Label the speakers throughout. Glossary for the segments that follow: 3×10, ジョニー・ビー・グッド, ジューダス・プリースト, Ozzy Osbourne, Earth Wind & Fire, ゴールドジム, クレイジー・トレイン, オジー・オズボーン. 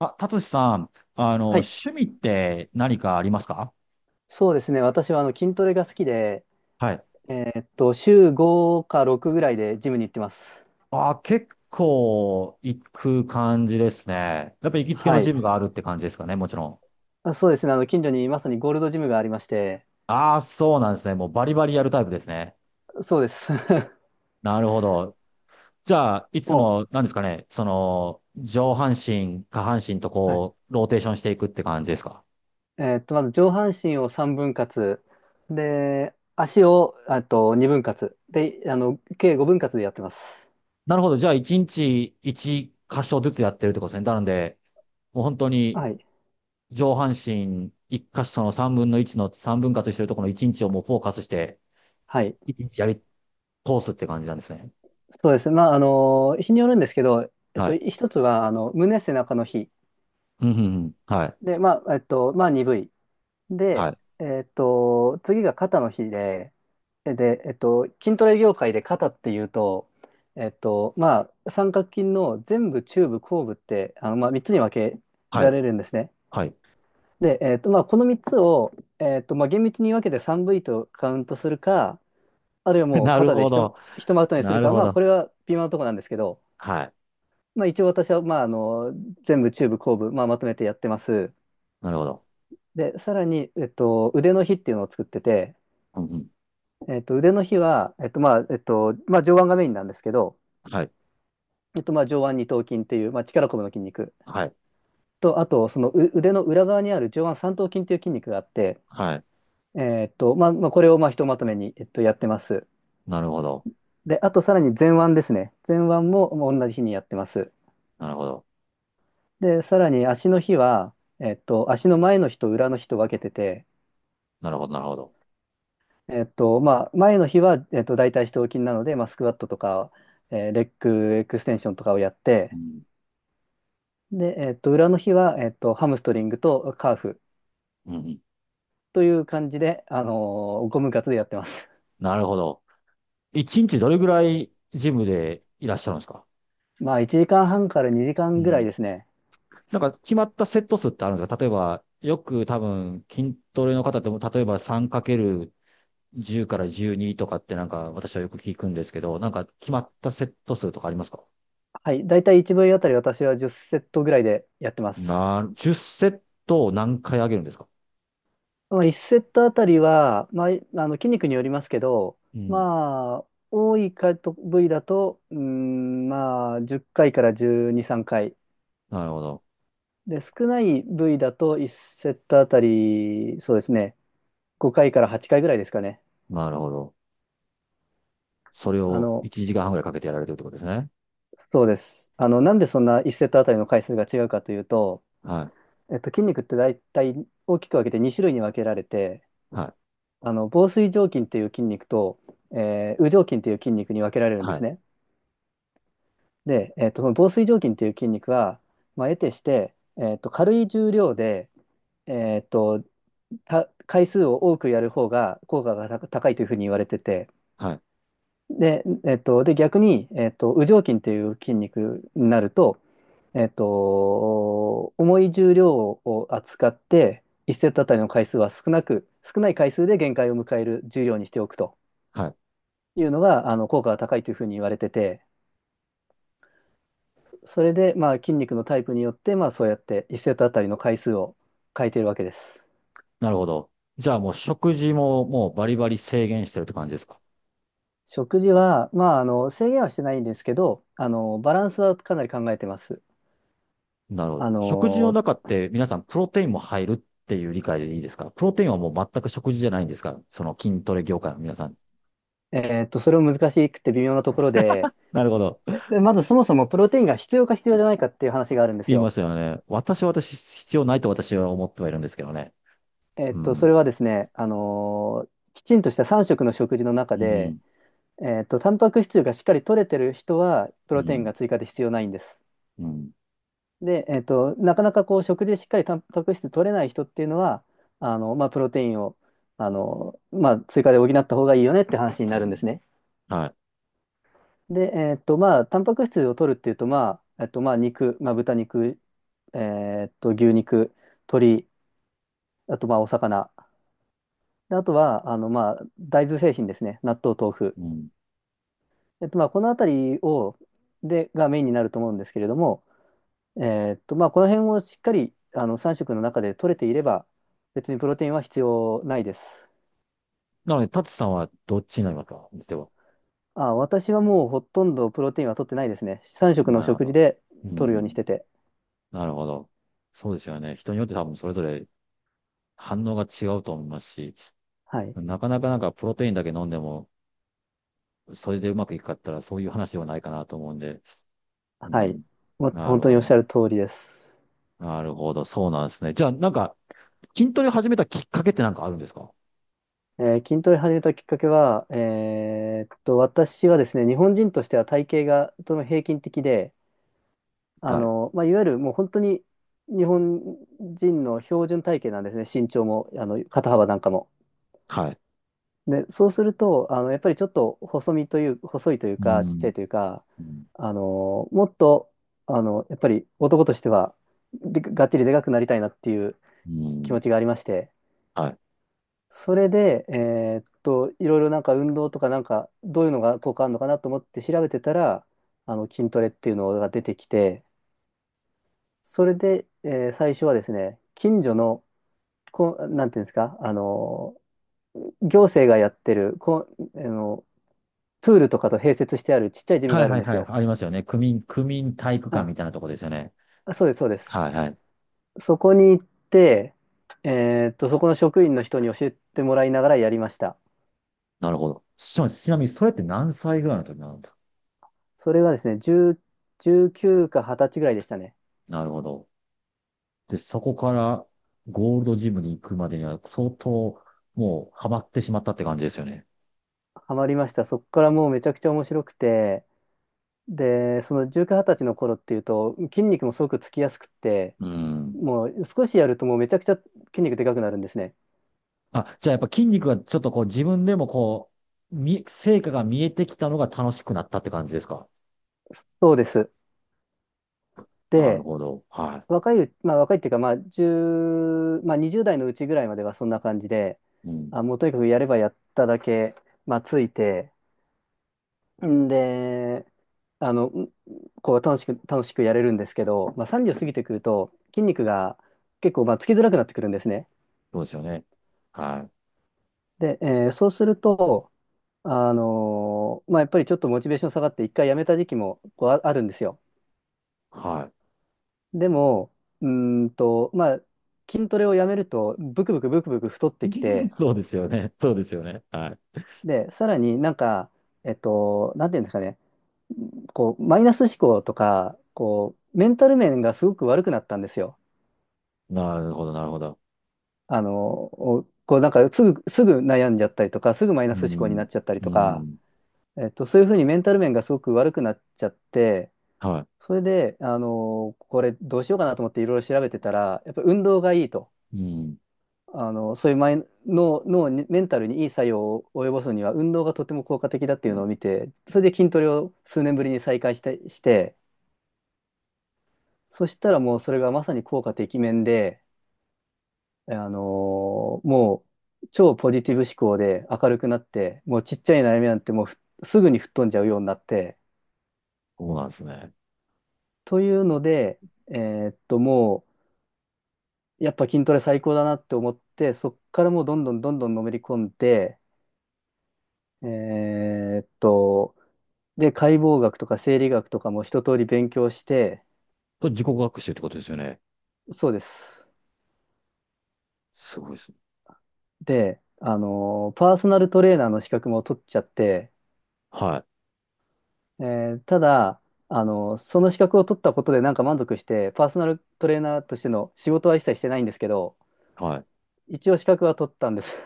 Speaker 1: あ、達志さん、
Speaker 2: はい。
Speaker 1: 趣味って何かありますか？
Speaker 2: そうですね。私は筋トレが好きで、
Speaker 1: はい。
Speaker 2: え週5か6ぐらいでジムに行ってます。
Speaker 1: あ、結構行く感じですね。やっぱ行きつけの
Speaker 2: は
Speaker 1: ジ
Speaker 2: い。
Speaker 1: ムがあるって感じですかね、もちろん。
Speaker 2: あ、そうですね。近所にまさにゴールドジムがありまして、
Speaker 1: ああ、そうなんですね。もうバリバリやるタイプですね。
Speaker 2: そうです。
Speaker 1: なるほど。じゃあ、い つ
Speaker 2: も
Speaker 1: も、なんですかね、上半身、下半身と
Speaker 2: う、はい。
Speaker 1: こう、ローテーションしていくって感じですか？
Speaker 2: まず上半身を3分割、で、足を、あと2分割、で、計5分割でやってます。
Speaker 1: なるほど。じゃあ、1日1箇所ずつやってるってことですね。なので、もう本当に
Speaker 2: はい。
Speaker 1: 上半身一箇所の三分の1の三分割してるところの一日をもうフォーカスして、
Speaker 2: はい。
Speaker 1: 一日やり通すって感じなんですね。
Speaker 2: そうですね。日によるんですけど、
Speaker 1: はい。
Speaker 2: 一つは、胸背中の日。
Speaker 1: うん、うん、うん。はい。
Speaker 2: で、鈍い。
Speaker 1: は
Speaker 2: で、
Speaker 1: い。
Speaker 2: 次が肩の日で、筋トレ業界で肩っていうと、三角筋の全部、中部、後部って、3つに分け
Speaker 1: は
Speaker 2: ら
Speaker 1: い。
Speaker 2: れるんですね。
Speaker 1: はい。
Speaker 2: で、この3つを、厳密に分けて 3V とカウントするか、あるいは もう
Speaker 1: なる
Speaker 2: 肩で
Speaker 1: ほ
Speaker 2: ひと、
Speaker 1: ど。
Speaker 2: ひとまとめにす
Speaker 1: な
Speaker 2: る
Speaker 1: る
Speaker 2: か、
Speaker 1: ほ
Speaker 2: こ
Speaker 1: ど。
Speaker 2: れは微妙なところなんですけど、
Speaker 1: はい。
Speaker 2: 一応私は、全部、中部、後部、まとめてやってます。
Speaker 1: なるほど。
Speaker 2: で、さらに、腕の日っていうのを作ってて、
Speaker 1: うん、うん。
Speaker 2: 腕の日は、上腕がメインなんですけど、
Speaker 1: はい。
Speaker 2: 上腕二頭筋っていう、力こぶの筋肉
Speaker 1: はい。
Speaker 2: と、あと、そのう腕の裏側にある上腕三頭筋っていう筋肉があって、
Speaker 1: はい。
Speaker 2: これを、ひとまとめに、やってます。
Speaker 1: なるほど。
Speaker 2: で、あと、さらに前腕ですね。前腕も同じ日にやってます。
Speaker 1: なるほど。
Speaker 2: で、さらに足の日は、足の前の日と裏の日と分けてて、
Speaker 1: なるほど。なるほど。
Speaker 2: 前の日は、大腿四頭筋なので、スクワットとか、レッグエクステンションとかをやっ
Speaker 1: う
Speaker 2: て、
Speaker 1: ん。
Speaker 2: で、裏の日は、ハムストリングとカーフ
Speaker 1: うん、うん。
Speaker 2: という感じで、ゴム活でやってます。
Speaker 1: なるほど。一日どれぐらいジムでいらっしゃるんですか？
Speaker 2: 1時間半から2時
Speaker 1: う
Speaker 2: 間ぐらい
Speaker 1: ん。
Speaker 2: ですね。
Speaker 1: なんか決まったセット数ってあるんですか？例えば、よく多分筋トレの方でも、例えば 3×10 かける10から12とかってなんか私はよく聞くんですけど、なんか決まったセット数とかありますか？
Speaker 2: はい。だいたい1部位あたり私は10セットぐらいでやってます。
Speaker 1: 10セットを何回上げるんですか？
Speaker 2: 1セットあたりは、筋肉によりますけど、
Speaker 1: うん。
Speaker 2: まあ、多いかと部位だと、10回から12、3回。
Speaker 1: なるほど。
Speaker 2: で、少ない部位だと1セットあたり、そうですね、5回から8回ぐらいですかね。
Speaker 1: なるほど。それ
Speaker 2: あ
Speaker 1: を
Speaker 2: の、
Speaker 1: 1時間半ぐらいかけてやられてるってことですね。
Speaker 2: そうです。なんでそんな1セットあたりの回数が違うかというと、
Speaker 1: は
Speaker 2: 筋肉って大体大きく分けて2種類に分けられて、
Speaker 1: い。はい。
Speaker 2: 紡錘状筋っていう筋肉と、羽状筋っていう筋肉に分けられるんで
Speaker 1: は
Speaker 2: す
Speaker 1: い。
Speaker 2: ね。で、その紡錘状筋っていう筋肉は、得てして、軽い重量で、えっと、た回数を多くやる方が効果が高いというふうに言われてて、
Speaker 1: はい。
Speaker 2: で、逆に、羽状筋っていう筋肉になると、重い重量を扱って、1セットあたりの回数は少なく、少ない回数で限界を迎える重量にしておくと
Speaker 1: はい。
Speaker 2: いうのが、効果が高いというふうに言われてて、それで、筋肉のタイプによって、そうやって1セットあたりの回数を変えているわけです。
Speaker 1: なるほど。じゃあもう食事ももうバリバリ制限してるって感じですか？
Speaker 2: 食事は、制限はしてないんですけど、バランスはかなり考えてます。
Speaker 1: なるほど。
Speaker 2: あ
Speaker 1: 食事の
Speaker 2: の、
Speaker 1: 中って皆さんプロテインも入るっていう理解でいいですか？プロテインはもう全く食事じゃないんですか？その筋トレ業界の皆さん。
Speaker 2: それも難しくて微妙なところで、
Speaker 1: なるほど。
Speaker 2: でまずそもそもプロテインが必要か必要じゃないかっていう話があるんです
Speaker 1: 言いま
Speaker 2: よ。
Speaker 1: すよね。私必要ないと私は思ってはいるんですけどね。う
Speaker 2: そ
Speaker 1: ん。
Speaker 2: れはですね、きちんとした3食の食事の
Speaker 1: う
Speaker 2: 中で、
Speaker 1: ん。
Speaker 2: タンパク質がしっかり取れてる人は、プ
Speaker 1: う
Speaker 2: ロテインが
Speaker 1: ん。
Speaker 2: 追加で必要ないんです。
Speaker 1: うん。
Speaker 2: で、なかなかこう、食事でしっかりタンパク質取れない人っていうのは、プロテインを、追加で補った方がいいよねって話に
Speaker 1: う
Speaker 2: なるんで
Speaker 1: ん
Speaker 2: すね。
Speaker 1: は
Speaker 2: で、タンパク質を取るっていうと、肉、豚肉、牛肉、鶏、あと、お魚。であとは、大豆製品ですね。納豆、豆腐。
Speaker 1: い。うん。
Speaker 2: このあたりを、で、がメインになると思うんですけれども、この辺をしっかり、3食の中で取れていれば、別にプロテインは必要ないです。
Speaker 1: なので、タツさんはどっちになりますかでは。
Speaker 2: あ、私はもうほとんどプロテインは取ってないですね。3食
Speaker 1: な
Speaker 2: の
Speaker 1: るほ
Speaker 2: 食事
Speaker 1: ど。
Speaker 2: で
Speaker 1: う
Speaker 2: 取るようにし
Speaker 1: ん。
Speaker 2: てて。
Speaker 1: なるほど。そうですよね。人によって多分それぞれ反応が違うと思いますし、
Speaker 2: はい。
Speaker 1: なかなかなんかプロテインだけ飲んでもそれでうまくいくかって言ったら、そういう話ではないかなと思うんで。う
Speaker 2: はい。
Speaker 1: ん。
Speaker 2: も
Speaker 1: な
Speaker 2: 本
Speaker 1: る
Speaker 2: 当に
Speaker 1: ほ
Speaker 2: おっし
Speaker 1: ど。
Speaker 2: ゃる通りです。
Speaker 1: なるほど。そうなんですね。じゃあ、なんか、筋トレ始めたきっかけってなんかあるんですか？
Speaker 2: 筋トレ始めたきっかけは、私はですね、日本人としては体型がとても平均的で、
Speaker 1: はい。
Speaker 2: いわゆるもう本当に日本人の標準体型なんですね、身長も、肩幅なんかも。
Speaker 1: はい。
Speaker 2: で、そうすると、やっぱりちょっと細身という、細いという
Speaker 1: う
Speaker 2: か、ちっちゃ
Speaker 1: ん。
Speaker 2: いというか、
Speaker 1: うん。
Speaker 2: もっと、やっぱり男としては、で、がっちりでかくなりたいなっていう
Speaker 1: う
Speaker 2: 気持
Speaker 1: ん
Speaker 2: ちがありまして、
Speaker 1: はい。
Speaker 2: それで、いろいろなんか運動とかなんか、どういうのが効果あるのかなと思って調べてたら、筋トレっていうのが出てきて、それで、最初はですね、近所の、こう、なんていうんですか、行政がやってる、こう、プールとかと併設してあるちっちゃいジム
Speaker 1: は
Speaker 2: があ
Speaker 1: い
Speaker 2: る
Speaker 1: は
Speaker 2: ん
Speaker 1: い
Speaker 2: です
Speaker 1: はい。
Speaker 2: よ。
Speaker 1: ありますよね。区民体育館
Speaker 2: あ、
Speaker 1: みたいなとこですよね。
Speaker 2: そうです、そうです。
Speaker 1: はいはい。
Speaker 2: そこに行って、そこの職員の人に教えてもらいながらやりました。
Speaker 1: なるほど。ちなみに、それって何歳ぐらいの時なんですか？
Speaker 2: それがですね、10、19か20歳ぐらいでしたね。
Speaker 1: なるほど。で、そこからゴールドジムに行くまでには相当もうハマってしまったって感じですよね。
Speaker 2: ハマりました。そこからもうめちゃくちゃ面白くて、で、その19、20歳の頃っていうと、筋肉もすごくつきやすくって、
Speaker 1: うん。
Speaker 2: もう少しやるともうめちゃくちゃ筋肉でかくなるんですね。
Speaker 1: あ、じゃあやっぱ筋肉がちょっとこう自分でもこう、成果が見えてきたのが楽しくなったって感じですか？
Speaker 2: そうです。
Speaker 1: なる
Speaker 2: で、
Speaker 1: ほど。は
Speaker 2: 若いっていうか、まあ1まあ20代のうちぐらいまではそんな感じで、
Speaker 1: い。うん。
Speaker 2: あ、もうとにかくやればやっただけ、ついて、んで、あの、んこう楽しくやれるんですけど、30過ぎてくると筋肉が結構つきづらくなってくるんですね。
Speaker 1: そうですよね。はい。
Speaker 2: で、そうすると、やっぱりちょっとモチベーション下がって一回やめた時期もこうああるんですよ。
Speaker 1: は
Speaker 2: でも、うーんと、まあ、筋トレをやめると、ブクブクブクブク太っ
Speaker 1: い。
Speaker 2: てき て、
Speaker 1: そうですよね。そうですよね。は
Speaker 2: で、さらになんか、なんていうんですかね、こう、マイナス思考とか、こう、メンタル面がすごく悪くなったんですよ。
Speaker 1: い。なるほど、なるほど。
Speaker 2: あの、おこう、なんか、すぐ悩んじゃったりとか、すぐマイナ
Speaker 1: う
Speaker 2: ス思考にな
Speaker 1: ん。
Speaker 2: っちゃったり
Speaker 1: う
Speaker 2: とか、
Speaker 1: ん。
Speaker 2: そういうふうにメンタル面がすごく悪くなっちゃって、
Speaker 1: は
Speaker 2: それで、これどうしようかなと思っていろいろ調べてたら、やっぱ運動がいいと。
Speaker 1: い。うん。
Speaker 2: そういうマイ脳、脳、に、メンタルにいい作用を及ぼすには運動がとても効果的だって
Speaker 1: う
Speaker 2: いう
Speaker 1: ん
Speaker 2: のを見て、それで筋トレを数年ぶりに再開して、そしたらもうそれがまさに効果てきめんで、あのもう超ポジティブ思考で明るくなって、もうちっちゃい悩みなんてもうすぐに吹っ飛んじゃうようになって、
Speaker 1: そうなんですね。
Speaker 2: というので、もうやっぱ筋トレ最高だなって思って、そっからもうどんどんどんどんのめり込んで、えーっと、で、解剖学とか生理学とかも一通り勉強して、
Speaker 1: これ自己学習ってことですよね。
Speaker 2: そうです。
Speaker 1: すごいですね。
Speaker 2: で、パーソナルトレーナーの資格も取っちゃって、
Speaker 1: はい。
Speaker 2: ただ、その資格を取ったことでなんか満足して、パーソナルトレーナーとしての仕事は一切してないんですけど、
Speaker 1: はい。
Speaker 2: 一応資格は取ったんです。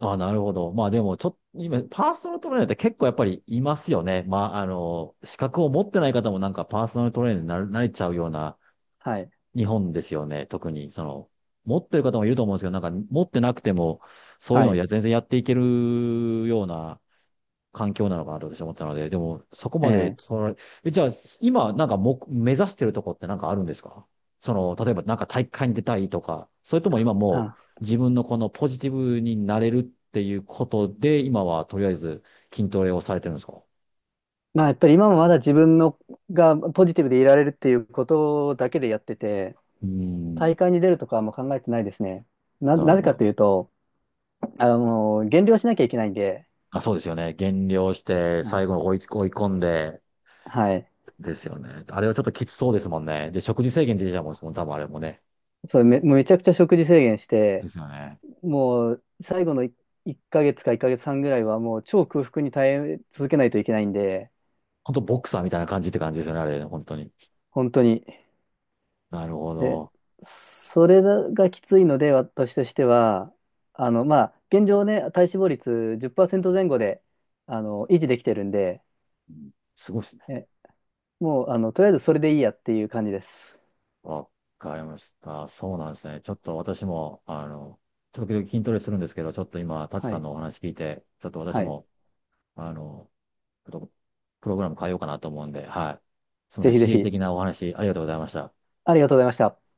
Speaker 1: あ、なるほど。まあでも、ちょっと、今、パーソナルトレーナーって結構やっぱりいますよね。まあ、資格を持ってない方もなんかパーソナルトレーナーになれちゃうような
Speaker 2: はい。
Speaker 1: 日本ですよね。特に、その、持ってる方もいると思うんですけど、なんか持ってなくても、そういう
Speaker 2: は
Speaker 1: のを
Speaker 2: い。
Speaker 1: 全然やっていけるような環境なのかなと私は思ったので、でも、そこ
Speaker 2: え
Speaker 1: まで、
Speaker 2: ー
Speaker 1: じゃあ、今、なんかも、目指してるとこってなんかあるんですか？その、例えばなんか大会に出たいとか、それとも今も
Speaker 2: あ、
Speaker 1: う自分のこのポジティブになれるっていうことで、今はとりあえず筋トレをされてるんですか？う
Speaker 2: やっぱり今もまだ自分のがポジティブでいられるっていうことだけでやってて、
Speaker 1: ーん、
Speaker 2: 大会に出るとかはもう考えてないですね。な、
Speaker 1: な
Speaker 2: な
Speaker 1: る
Speaker 2: ぜ
Speaker 1: ほ
Speaker 2: か
Speaker 1: ど。
Speaker 2: というと、減量しなきゃいけないんで、
Speaker 1: あ、そうですよね。減量して、
Speaker 2: はい。
Speaker 1: 最後に追い込んで、
Speaker 2: はい。
Speaker 1: ですよね。あれはちょっときつそうですもんね。で、食事制限出てたもん、多分あれもね。
Speaker 2: それめ、もうめちゃくちゃ食事制限し
Speaker 1: で
Speaker 2: て、
Speaker 1: すよね。
Speaker 2: もう最後の1ヶ月か1ヶ月半ぐらいはもう超空腹に耐え続けないといけないんで、
Speaker 1: 本当ボクサーみたいな感じって感じですよね、あれ、本当に。
Speaker 2: 本当に。
Speaker 1: なるほ
Speaker 2: で、
Speaker 1: ど。
Speaker 2: それがきついので、私としては、現状ね、体脂肪率10%前後で、維持できてるんで、
Speaker 1: すごいですね。
Speaker 2: え、もう、とりあえずそれでいいやっていう感じです。
Speaker 1: わかりました。そうなんですね。ちょっと私も、時々筋トレするんですけど、ちょっと今、タチ
Speaker 2: は
Speaker 1: さん
Speaker 2: い。
Speaker 1: のお話聞いて、ちょっと私
Speaker 2: はい。
Speaker 1: も、あの、ちょっとプログラム変えようかなと思うんで、はい。すみ
Speaker 2: ぜ
Speaker 1: ませ
Speaker 2: ひ
Speaker 1: ん。
Speaker 2: ぜ
Speaker 1: 刺激
Speaker 2: ひ。
Speaker 1: 的なお話、ありがとうございました。
Speaker 2: ありがとうございました。